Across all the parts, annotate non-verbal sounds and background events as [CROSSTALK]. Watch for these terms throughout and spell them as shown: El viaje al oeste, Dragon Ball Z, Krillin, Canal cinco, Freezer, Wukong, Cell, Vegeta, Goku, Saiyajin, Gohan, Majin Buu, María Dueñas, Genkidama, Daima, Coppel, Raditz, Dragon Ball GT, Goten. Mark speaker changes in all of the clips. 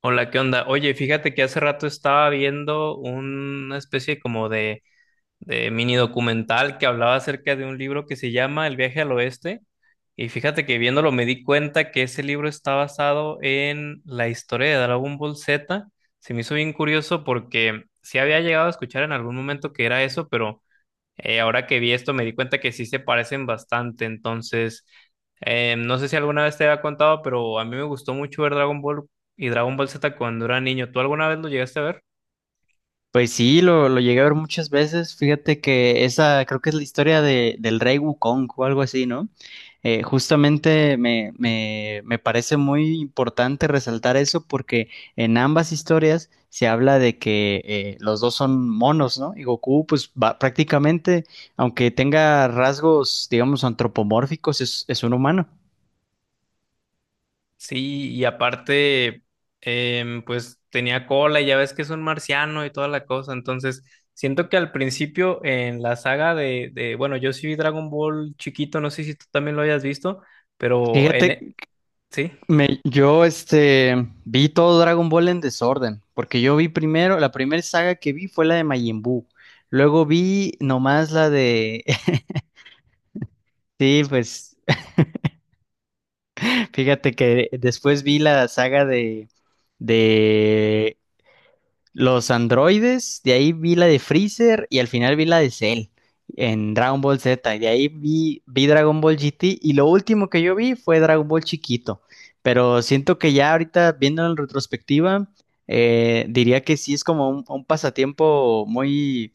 Speaker 1: Hola, ¿qué onda? Oye, fíjate que hace rato estaba viendo una especie como de mini documental que hablaba acerca de un libro que se llama El viaje al oeste. Y fíjate que viéndolo me di cuenta que ese libro está basado en la historia de Dragon Ball Z. Se me hizo bien curioso porque sí había llegado a escuchar en algún momento que era eso, pero ahora que vi esto me di cuenta que sí se parecen bastante. Entonces no sé si alguna vez te había contado, pero a mí me gustó mucho ver Dragon Ball y Dragon Ball Z cuando era niño. ¿Tú alguna vez lo llegaste a ver?
Speaker 2: Pues sí, lo llegué a ver muchas veces. Fíjate que esa creo que es la historia del rey Wukong o algo así, ¿no? Justamente me parece muy importante resaltar eso porque en ambas historias se habla de que los dos son monos, ¿no? Y Goku, pues prácticamente, aunque tenga rasgos, digamos, antropomórficos, es un humano.
Speaker 1: Sí, y aparte, pues tenía cola y ya ves que es un marciano y toda la cosa. Entonces siento que al principio en la saga de bueno, yo sí vi Dragon Ball chiquito, no sé si tú también lo hayas visto, pero en...
Speaker 2: Fíjate,
Speaker 1: e- Sí.
Speaker 2: Me, yo este Vi todo Dragon Ball en desorden, porque yo vi primero, la primera saga que vi fue la de Majin Buu. Luego vi nomás la de [LAUGHS] sí, pues [LAUGHS] fíjate que después vi la saga de los androides, de ahí vi la de Freezer y al final vi la de Cell en Dragon Ball Z. Y de ahí vi Dragon Ball GT y lo último que yo vi fue Dragon Ball chiquito. Pero siento que ya ahorita, viendo en retrospectiva, diría que sí es como un pasatiempo muy,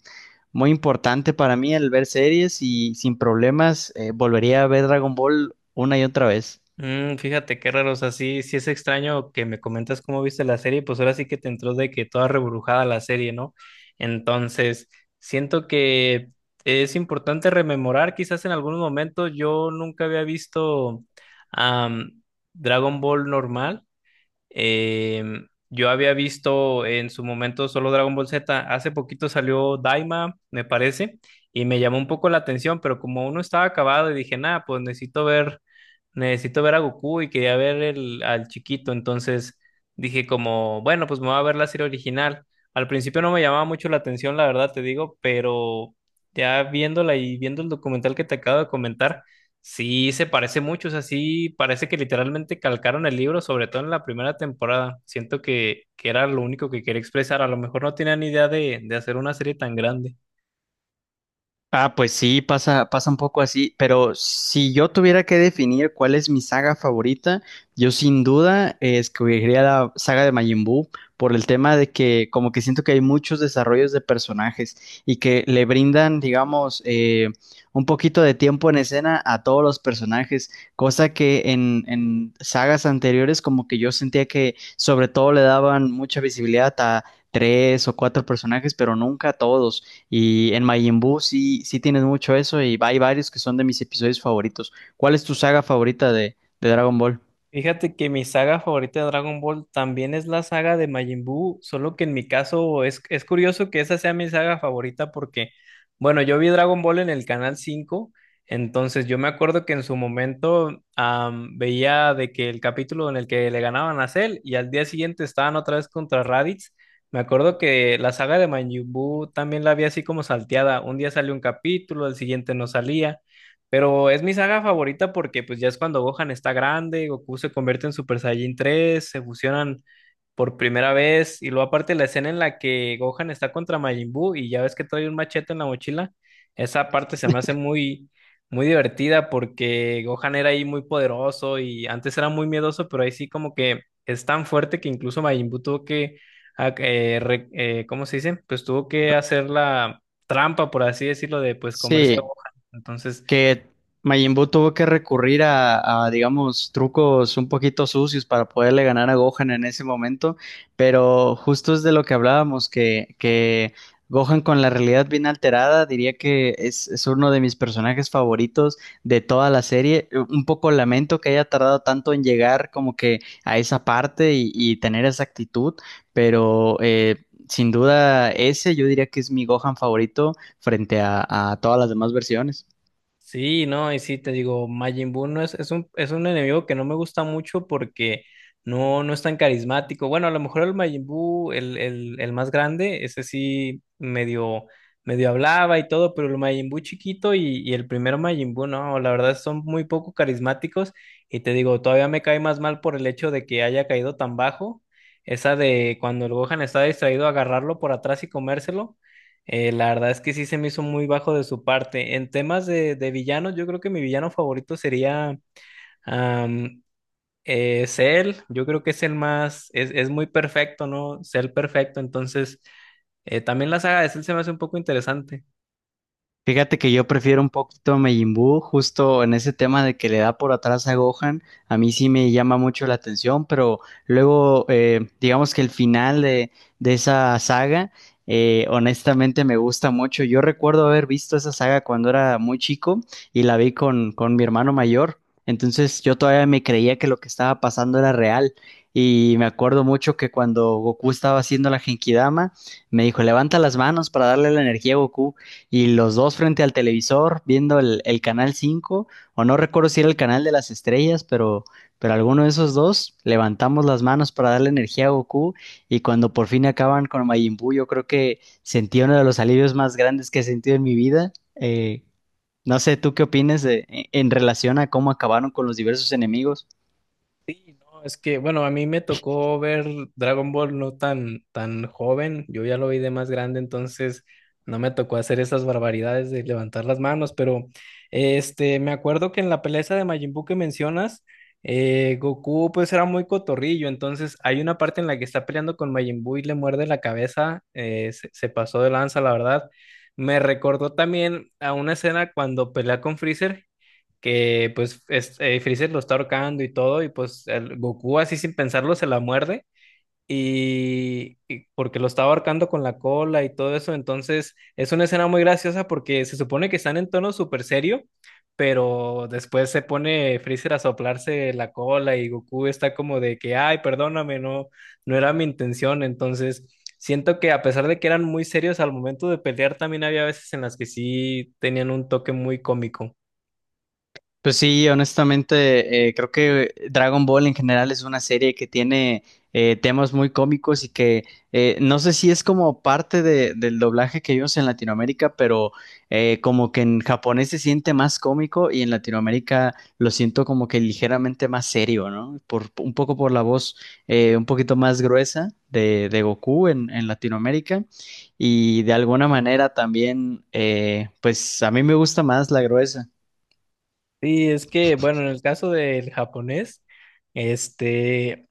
Speaker 2: muy importante para mí el ver series y sin problemas volvería a ver Dragon Ball una y otra vez.
Speaker 1: Fíjate qué raro, o sea, sí, sí es extraño que me comentas cómo viste la serie, pues ahora sí que te entró de que toda rebrujada la serie, ¿no? Entonces, siento que es importante rememorar, quizás en algún momento yo nunca había visto am, Dragon Ball normal. eh, yo había visto en su momento solo Dragon Ball Z. Hace poquito salió Daima, me parece, y me llamó un poco la atención, pero como uno estaba acabado y dije, nada, pues necesito ver a Goku y quería ver el, al chiquito. Entonces dije como, bueno, pues me voy a ver la serie original. Al principio no me llamaba mucho la atención, la verdad te digo, pero ya viéndola y viendo el documental que te acabo de comentar, sí, se parece mucho. O sea, sí, parece que literalmente calcaron el libro, sobre todo en la primera temporada. Siento que era lo único que quería expresar. A lo mejor no tenían idea de hacer una serie tan grande.
Speaker 2: Ah, pues sí, pasa, pasa un poco así, pero si yo tuviera que definir cuál es mi saga favorita, yo sin duda escogería la saga de Majin Buu por el tema de que como que siento que hay muchos desarrollos de personajes y que le brindan, digamos, un poquito de tiempo en escena a todos los personajes, cosa que en sagas anteriores como que yo sentía que sobre todo le daban mucha visibilidad a tres o cuatro personajes, pero nunca a todos. Y en Majin Buu sí, sí tienes mucho eso y hay varios que son de mis episodios favoritos. ¿Cuál es tu saga favorita de Dragon Ball?
Speaker 1: Fíjate que mi saga favorita de Dragon Ball también es la saga de Majin Buu, solo que en mi caso es curioso que esa sea mi saga favorita porque, bueno, yo vi Dragon Ball en el Canal 5. Entonces yo me acuerdo que en su momento veía de que el capítulo en el que le ganaban a Cell y al día siguiente estaban otra vez contra Raditz. Me acuerdo que la saga de Majin Buu también la vi así como salteada, un día salió un capítulo, el siguiente no salía. Pero es mi saga favorita porque pues ya es cuando Gohan está grande, Goku se convierte en Super Saiyajin 3, se fusionan por primera vez y luego aparte la escena en la que Gohan está contra Majin Buu y ya ves que trae un machete en la mochila. Esa parte se me hace muy muy divertida porque Gohan era ahí muy poderoso y antes era muy miedoso, pero ahí sí como que es tan fuerte que incluso Majin Buu tuvo que ¿cómo se dice? Pues tuvo que hacer la trampa, por así decirlo, de pues comerse a
Speaker 2: Sí,
Speaker 1: Gohan. Entonces.
Speaker 2: que Majin Buu tuvo que recurrir a, digamos, trucos un poquito sucios para poderle ganar a Gohan en ese momento, pero justo es de lo que hablábamos, que Gohan con la realidad bien alterada, diría que es uno de mis personajes favoritos de toda la serie. Un poco lamento que haya tardado tanto en llegar como que a esa parte y tener esa actitud, pero, sin duda, ese yo diría que es mi Gohan favorito frente a todas las demás versiones.
Speaker 1: Sí, no, y sí te digo, Majin Buu no es un enemigo que no me gusta mucho porque no, no es tan carismático. Bueno, a lo mejor el Majin Buu, el más grande, ese sí medio, medio hablaba y todo, pero el Majin Buu chiquito y el primero Majin Buu, no, la verdad son muy poco carismáticos. Y te digo, todavía me cae más mal por el hecho de que haya caído tan bajo. Esa de cuando el Gohan está distraído, agarrarlo por atrás y comérselo. La verdad es que sí se me hizo muy bajo de su parte. En temas de villanos, yo creo que mi villano favorito sería am, Cell. Yo creo que es el más, es muy perfecto, ¿no? Cell perfecto. Entonces, también la saga de Cell se me hace un poco interesante.
Speaker 2: Fíjate que yo prefiero un poquito a Majin Buu, justo en ese tema de que le da por atrás a Gohan, a mí sí me llama mucho la atención, pero luego digamos que el final de esa saga, honestamente me gusta mucho. Yo recuerdo haber visto esa saga cuando era muy chico y la vi con mi hermano mayor, entonces yo todavía me creía que lo que estaba pasando era real. Y me acuerdo mucho que cuando Goku estaba haciendo la Genkidama, me dijo, levanta las manos para darle la energía a Goku y los dos frente al televisor viendo el Canal 5 o no recuerdo si era el canal de las estrellas, pero alguno de esos dos levantamos las manos para darle energía a Goku y cuando por fin acaban con Majin Buu, yo creo que sentí uno de los alivios más grandes que he sentido en mi vida. No sé, ¿tú qué opinas en relación a cómo acabaron con los diversos enemigos?
Speaker 1: No, es que, bueno, a mí me tocó ver Dragon Ball no tan joven, yo ya lo vi de más grande. Entonces no me tocó hacer esas barbaridades de levantar las manos, pero este, me acuerdo que en la pelea esa de Majin Buu que mencionas, Goku pues era muy cotorrillo. Entonces hay una parte en la que está peleando con Majin Buu y le muerde la cabeza. Se pasó de lanza, la verdad. Me recordó también a una escena cuando pelea con Freezer, que pues Freezer lo está ahorcando y todo, y pues el Goku así sin pensarlo se la muerde, y porque lo estaba ahorcando con la cola y todo eso. Entonces es una escena muy graciosa porque se supone que están en tono súper serio, pero después se pone Freezer a soplarse la cola y Goku está como de que, ay, perdóname, no, no era mi intención, entonces siento que a pesar de que eran muy serios al momento de pelear, también había veces en las que sí tenían un toque muy cómico.
Speaker 2: Pues sí, honestamente, creo que Dragon Ball en general es una serie que tiene temas muy cómicos y que no sé si es como parte del doblaje que vimos en Latinoamérica, pero como que en japonés se siente más cómico y en Latinoamérica lo siento como que ligeramente más serio, ¿no? Un poco por la voz un poquito más gruesa de Goku en Latinoamérica y de alguna manera también, pues a mí me gusta más la gruesa.
Speaker 1: Sí, es que, bueno, en el caso del japonés, este,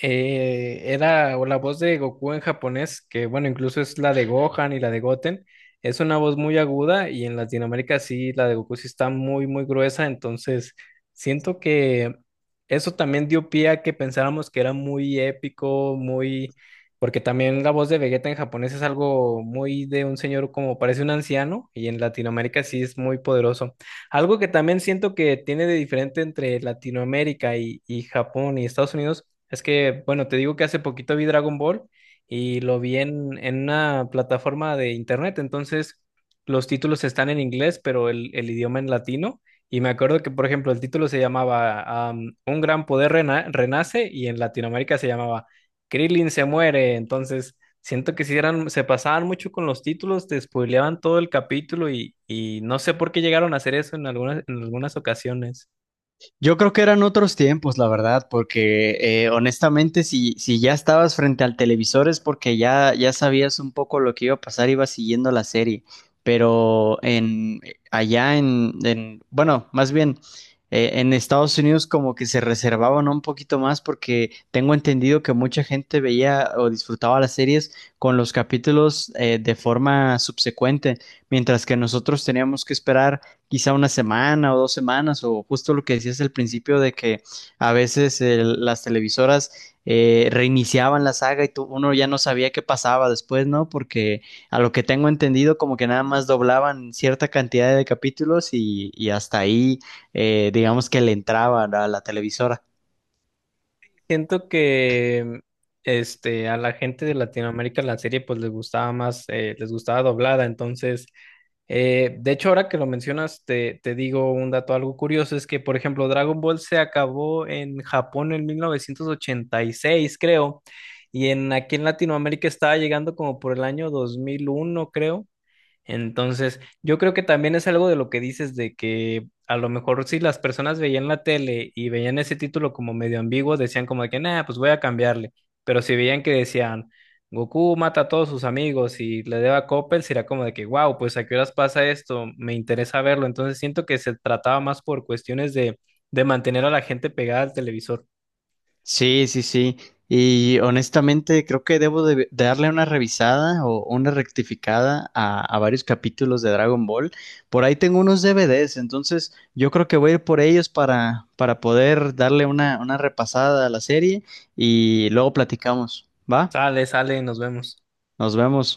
Speaker 1: era o la voz de Goku en japonés, que bueno, incluso es la de Gohan y la de Goten, es una voz muy aguda y en Latinoamérica sí, la de Goku sí está muy, muy gruesa. Entonces siento que eso también dio pie a que pensáramos que era muy épico, porque también la voz de Vegeta en japonés es algo muy de un señor como parece un anciano y en Latinoamérica sí es muy poderoso. Algo que también siento que tiene de diferente entre Latinoamérica y Japón y Estados Unidos es que, bueno, te digo que hace poquito vi Dragon Ball y lo vi en una plataforma de internet. Entonces los títulos están en inglés, pero el idioma en latino. Y me acuerdo que, por ejemplo, el título se llamaba Un gran poder renace y en Latinoamérica se llamaba Krillin se muere. Entonces, siento que si eran, se pasaban mucho con los títulos, te spoileaban todo el capítulo y no sé por qué llegaron a hacer eso en algunas ocasiones.
Speaker 2: Yo creo que eran otros tiempos, la verdad, porque honestamente, si ya estabas frente al televisor es porque ya sabías un poco lo que iba a pasar, ibas siguiendo la serie. Pero en allá bueno, más bien en Estados Unidos como que se reservaban un poquito más porque tengo entendido que mucha gente veía o disfrutaba las series con los capítulos de forma subsecuente, mientras que nosotros teníamos que esperar quizá una semana o 2 semanas, o justo lo que decías al principio de que a veces las televisoras reiniciaban la saga y tú, uno ya no sabía qué pasaba después, ¿no? Porque a lo que tengo entendido, como que nada más doblaban cierta cantidad de capítulos y hasta ahí, digamos que le entraban a la televisora.
Speaker 1: Siento que a la gente de Latinoamérica la serie pues les gustaba más, les gustaba doblada. Entonces, de hecho, ahora que lo mencionas, te digo un dato algo curioso, es que, por ejemplo, Dragon Ball se acabó en Japón en 1986 creo, y en aquí en Latinoamérica estaba llegando como por el año 2001 creo. Entonces, yo creo que también es algo de lo que dices de que a lo mejor si las personas veían la tele y veían ese título como medio ambiguo, decían como de que, nah, pues voy a cambiarle. Pero si veían que decían, Goku mata a todos sus amigos y le debe a Coppel, será como de que, wow, pues a qué horas pasa esto, me interesa verlo. Entonces, siento que se trataba más por cuestiones de mantener a la gente pegada al televisor.
Speaker 2: Sí, sí, sí. Y honestamente creo que debo de darle una revisada o una rectificada a, varios capítulos de Dragon Ball. Por ahí tengo unos DVDs, entonces yo creo que voy a ir por ellos para poder darle una repasada a la serie y luego platicamos. ¿Va?
Speaker 1: Sale, sale, nos vemos.
Speaker 2: Nos vemos.